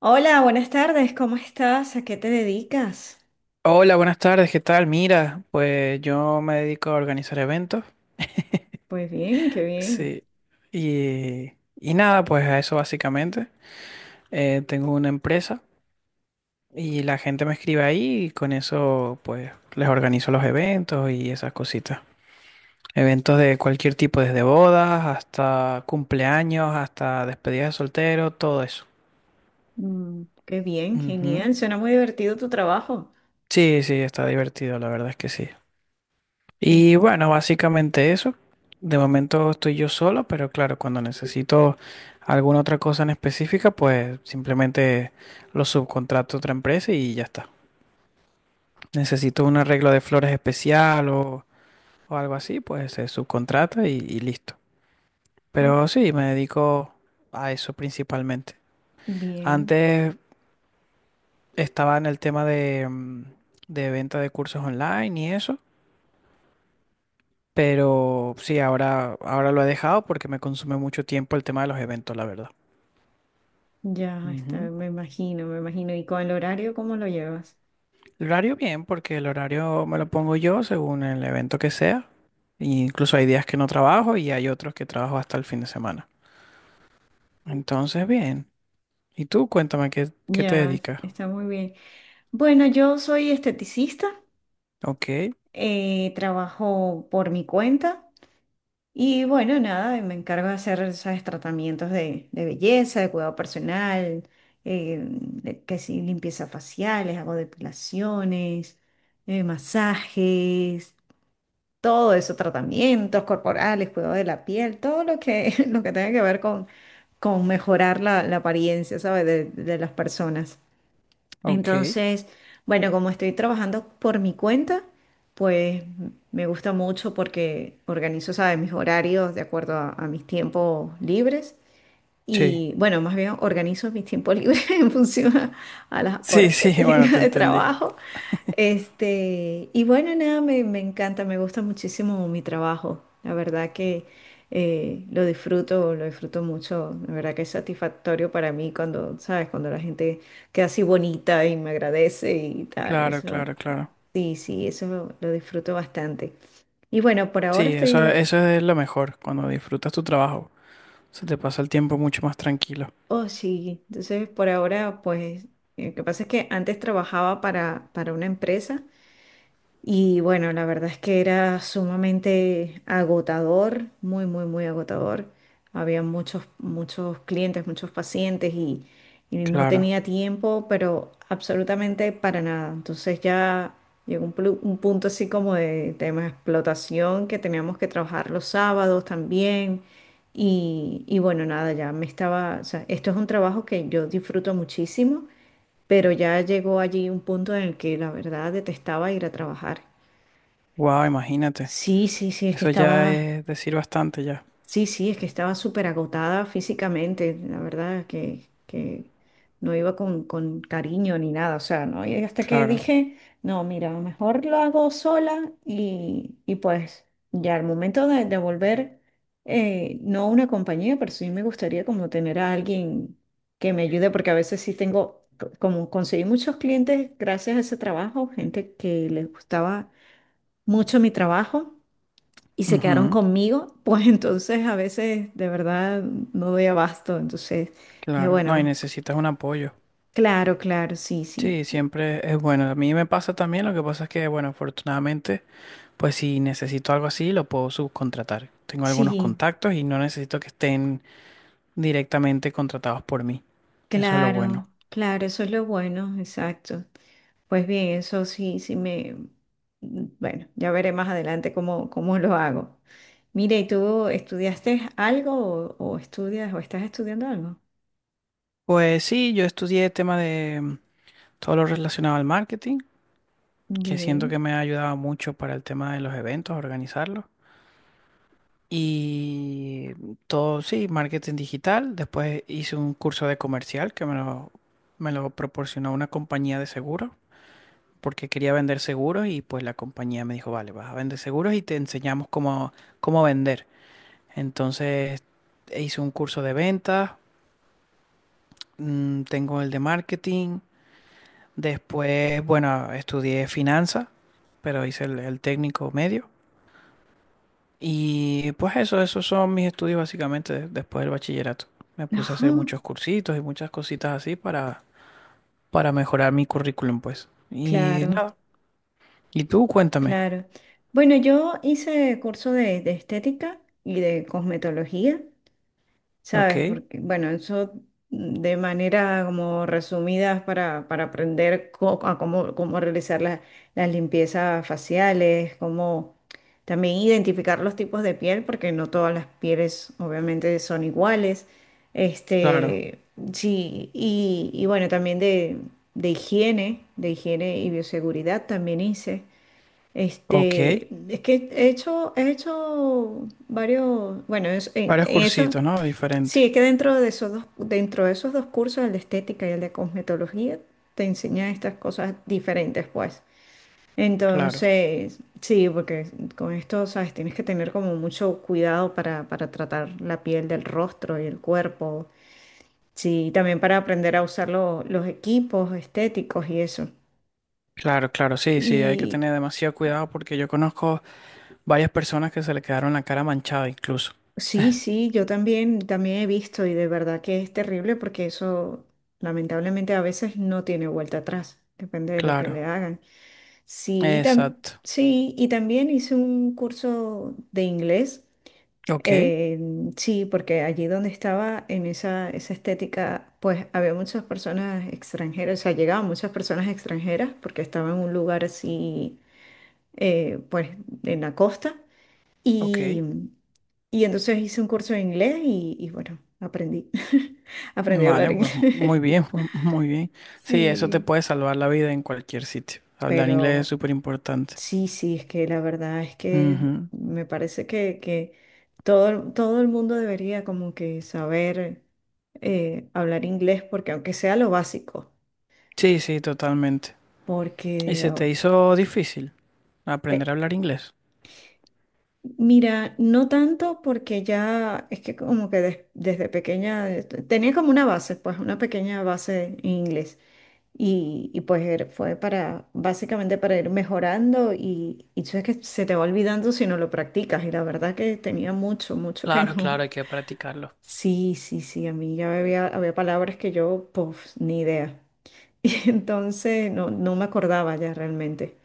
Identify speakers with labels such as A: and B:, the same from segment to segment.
A: Hola, buenas tardes, ¿cómo estás? ¿A qué te dedicas?
B: Hola, buenas tardes, ¿qué tal? Mira, pues yo me dedico a organizar eventos,
A: Pues bien, qué bien.
B: sí, y nada, pues a eso básicamente. Tengo una empresa y la gente me escribe ahí y con eso pues les organizo los eventos y esas cositas. Eventos de cualquier tipo, desde bodas hasta cumpleaños, hasta despedidas de soltero, todo eso.
A: Qué bien,
B: Ujú.
A: genial. Suena muy divertido tu trabajo.
B: Sí, sí, está divertido, la verdad es que sí.
A: Es-
B: Y bueno, básicamente eso. De momento estoy yo solo, pero claro, cuando necesito alguna otra cosa en específica, pues simplemente lo subcontrato a otra empresa y ya está. Necesito un arreglo de flores especial o algo así, pues se subcontrata y listo.
A: oh,
B: Pero sí, me dedico a eso principalmente.
A: bien,
B: Antes estaba en el tema de, de venta de cursos online y eso. Pero sí, ahora lo he dejado porque me consume mucho tiempo el tema de los eventos, la verdad.
A: ya está,
B: Ujú.
A: me imagino, me imagino. ¿Y con el horario cómo lo llevas?
B: El horario bien, porque el horario me lo pongo yo según el evento que sea. E incluso hay días que no trabajo y hay otros que trabajo hasta el fin de semana. Entonces, bien. ¿Y tú? Cuéntame qué, qué te
A: Ya,
B: dedicas.
A: está muy bien. Bueno, yo soy esteticista,
B: Ok,
A: trabajo por mi cuenta. Y bueno, nada, y me encargo de hacer, ¿sabes? Tratamientos de belleza, de cuidado personal, que si limpieza faciales, hago depilaciones, masajes, todo eso, tratamientos corporales, cuidado de la piel, todo lo que, lo que tenga que ver con mejorar la apariencia, ¿sabes? De las personas.
B: ok.
A: Entonces, bueno, como estoy trabajando por mi cuenta, pues me gusta mucho porque organizo, ¿sabes?, mis horarios de acuerdo a mis tiempos libres.
B: Sí.
A: Y bueno, más bien organizo mis tiempos libres en función a las
B: Sí,
A: horas que
B: sí, bueno,
A: tenga
B: te
A: de
B: entendí.
A: trabajo. Este, y bueno, nada, me encanta, me gusta muchísimo mi trabajo. La verdad que lo disfruto mucho. La verdad que es satisfactorio para mí cuando, ¿sabes? Cuando la gente queda así bonita y me agradece y tal.
B: Claro,
A: Eso,
B: claro, claro.
A: sí, sí, eso lo disfruto bastante. Y bueno, por ahora
B: Sí, eso,
A: estoy.
B: eso es lo mejor, cuando disfrutas tu trabajo. Se te pasa el tiempo mucho más tranquilo.
A: Oh, sí. Entonces, por ahora, pues, lo que pasa es que antes trabajaba para una empresa. Y bueno, la verdad es que era sumamente agotador, muy, muy, muy agotador. Había muchos, muchos clientes, muchos pacientes y no
B: Claro.
A: tenía tiempo, pero absolutamente para nada. Entonces ya llegó un punto así como de tema de explotación que teníamos que trabajar los sábados también. Y bueno, nada, ya me estaba, o sea, esto es un trabajo que yo disfruto muchísimo, pero ya llegó allí un punto en el que la verdad detestaba ir a trabajar.
B: Wow, imagínate.
A: Sí, sí, sí, es que
B: Eso ya
A: estaba,
B: es decir bastante ya.
A: sí, sí, es que estaba súper agotada físicamente, la verdad que no iba con cariño ni nada, o sea, ¿no? Y hasta que
B: Claro.
A: dije, no, mira, mejor lo hago sola y pues ya al momento de volver, no una compañía, pero sí me gustaría como tener a alguien que me ayude, porque a veces sí tengo, como conseguí muchos clientes gracias a ese trabajo, gente que les gustaba mucho mi trabajo y se quedaron
B: Ujú,
A: conmigo, pues entonces a veces de verdad no doy abasto. Entonces dije,
B: claro. No, y
A: bueno,
B: necesitas un apoyo.
A: claro, claro, sí, sí.
B: Sí, siempre es bueno. A mí me pasa también, lo que pasa es que, bueno, afortunadamente, pues si necesito algo así, lo puedo subcontratar. Tengo algunos
A: Sí,
B: contactos y no necesito que estén directamente contratados por mí. Eso es lo bueno.
A: claro, claro, eso es lo bueno, exacto. Pues bien, eso sí, sí me... Bueno, ya veré más adelante cómo, cómo lo hago. Mire, ¿y tú estudiaste algo o estudias o estás estudiando algo?
B: Pues sí, yo estudié tema de todo lo relacionado al marketing, que siento que
A: Bien.
B: me ha ayudado mucho para el tema de los eventos, organizarlos. Y todo, sí, marketing digital. Después hice un curso de comercial que me lo proporcionó una compañía de seguros, porque quería vender seguros y pues la compañía me dijo, vale, vas a vender seguros y te enseñamos cómo, cómo vender. Entonces hice un curso de ventas, tengo el de marketing. Después, bueno, estudié finanzas, pero hice el técnico medio. Y pues eso, esos son mis estudios básicamente después del bachillerato. Me puse a hacer muchos cursitos y muchas cositas así para mejorar mi currículum, pues. Y
A: Claro.
B: nada. Y tú, cuéntame.
A: Claro. Bueno, yo hice curso de estética y de cosmetología, ¿sabes?
B: Ok,
A: Porque, bueno, eso de manera como resumidas para aprender co- a cómo, cómo realizar las limpiezas faciales, cómo también identificar los tipos de piel, porque no todas las pieles obviamente son iguales.
B: claro.
A: Este, sí, y bueno, también de higiene y bioseguridad también hice.
B: Ok.
A: Este, es que he hecho varios, bueno,
B: Varios
A: en eso,
B: cursitos, ¿no?
A: sí,
B: Diferente.
A: es que dentro de esos dos, dentro de esos dos cursos, el de estética y el de cosmetología, te enseñan estas cosas diferentes, pues.
B: Claro.
A: Entonces, sí, porque con esto, sabes, tienes que tener como mucho cuidado para tratar la piel del rostro y el cuerpo. Sí, también para aprender a usar los equipos estéticos y eso.
B: Claro, claro. Sí, sí, hay que tener demasiado cuidado porque yo conozco varias personas que se le quedaron la cara manchada incluso.
A: Sí, sí, yo también, también he visto y de verdad que es terrible porque eso lamentablemente a veces no tiene vuelta atrás, depende de lo que le
B: Claro.
A: hagan. Sí,
B: Exacto.
A: sí, y también hice un curso de inglés,
B: Ok,
A: eh, sí, porque allí donde estaba en esa, esa estética, pues había muchas personas extranjeras, o sea, llegaban muchas personas extranjeras porque estaba en un lugar así, pues en la costa.
B: ok.
A: Y, y entonces hice un curso de inglés y bueno, aprendí. Aprendí a hablar
B: Vale, pues
A: inglés.
B: muy bien, pues muy bien. Sí, eso te
A: Sí.
B: puede salvar la vida en cualquier sitio. Hablar inglés es
A: Pero
B: súper importante.
A: sí, sí, es que la verdad es que
B: Ujú.
A: me parece que todo, todo el mundo debería como que saber hablar inglés, porque aunque sea lo básico,
B: Sí, sí, totalmente. ¿Y
A: porque
B: se te
A: oh,
B: hizo difícil aprender
A: eh,
B: a hablar inglés?
A: mira, no tanto porque ya es que como que desde pequeña tenía como una base, pues una pequeña base en inglés. Y pues fue para, básicamente para ir mejorando y tú sabes que se te va olvidando si no lo practicas. Y la verdad que tenía mucho, mucho que
B: Claro,
A: no.
B: claro, hay que practicarlo.
A: Sí, sí, sí, a mí ya había, había palabras que yo, pues, ni idea. Y entonces no, no me acordaba ya realmente.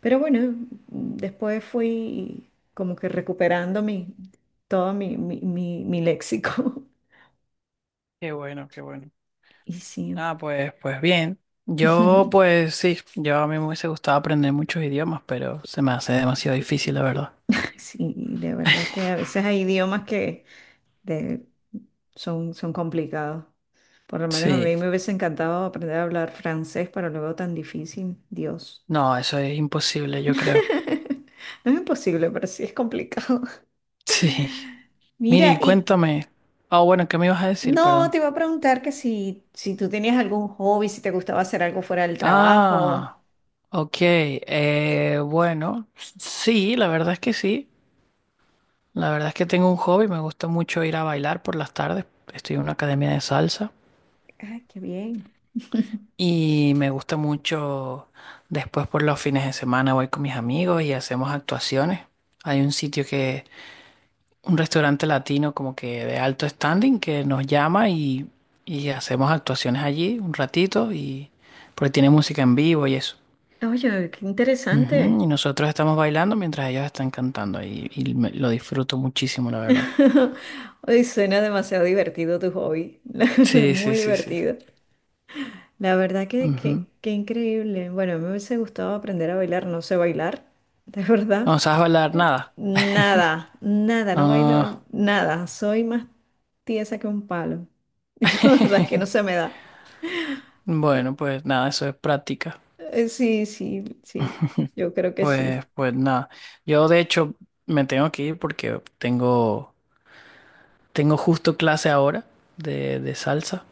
A: Pero bueno, después fui como que recuperando todo mi léxico.
B: Qué bueno, qué bueno.
A: Y sí,
B: Ah, pues, pues bien. Yo, pues sí, yo a mí me hubiese gustado aprender muchos idiomas, pero se me hace demasiado difícil, la verdad.
A: sí, de verdad que a veces hay idiomas que de- son, son complicados. Por lo menos a mí
B: Sí,
A: me hubiese encantado aprender a hablar francés, pero lo veo tan difícil. Dios.
B: no, eso es imposible, yo creo.
A: No es imposible, pero sí es complicado.
B: Sí. Mire, y
A: Mira, y
B: cuéntame. Ah, bueno, ¿qué me ibas a decir?
A: no,
B: Perdón.
A: te iba a preguntar que si, si tú tenías algún hobby, si te gustaba hacer algo fuera del trabajo.
B: Ah, ok. Bueno, sí, la verdad es que sí. La verdad es que tengo un hobby. Me gusta mucho ir a bailar por las tardes. Estoy en una academia de salsa.
A: Ay, qué bien.
B: Y me gusta mucho después por los fines de semana voy con mis amigos y hacemos actuaciones. Hay un sitio que un restaurante latino como que de alto standing que nos llama y hacemos actuaciones allí un ratito y porque tiene música en vivo y eso.
A: Oye, qué
B: Ujú,
A: interesante.
B: y nosotros estamos bailando mientras ellos están cantando y lo disfruto muchísimo, la verdad.
A: Ay, suena demasiado divertido tu hobby.
B: Sí, sí,
A: Muy
B: sí, sí.
A: divertido. La verdad
B: Ujú.
A: que increíble. Bueno, me hubiese gustado aprender a bailar, no sé bailar, de verdad.
B: ¿No sabes bailar nada?
A: Nada, nada, no bailo
B: Ah,
A: nada. Soy más tiesa que un palo. Y la verdad es que no se me da. Y,
B: bueno, pues nada, eso es práctica.
A: sí, sí, sí, yo creo que
B: Pues,
A: sí.
B: pues nada. Yo de hecho me tengo que ir porque tengo justo clase ahora de salsa.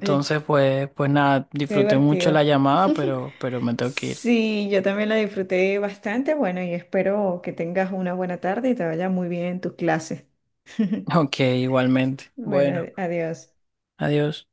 A: Oye,
B: pues, pues nada,
A: qué
B: disfruté mucho
A: divertido.
B: la llamada, pero me tengo que ir.
A: Sí, yo también la disfruté bastante. Bueno, y espero que tengas una buena tarde y te vaya muy bien en tus clases.
B: Ok, igualmente.
A: Bueno,
B: Bueno,
A: adiós.
B: adiós.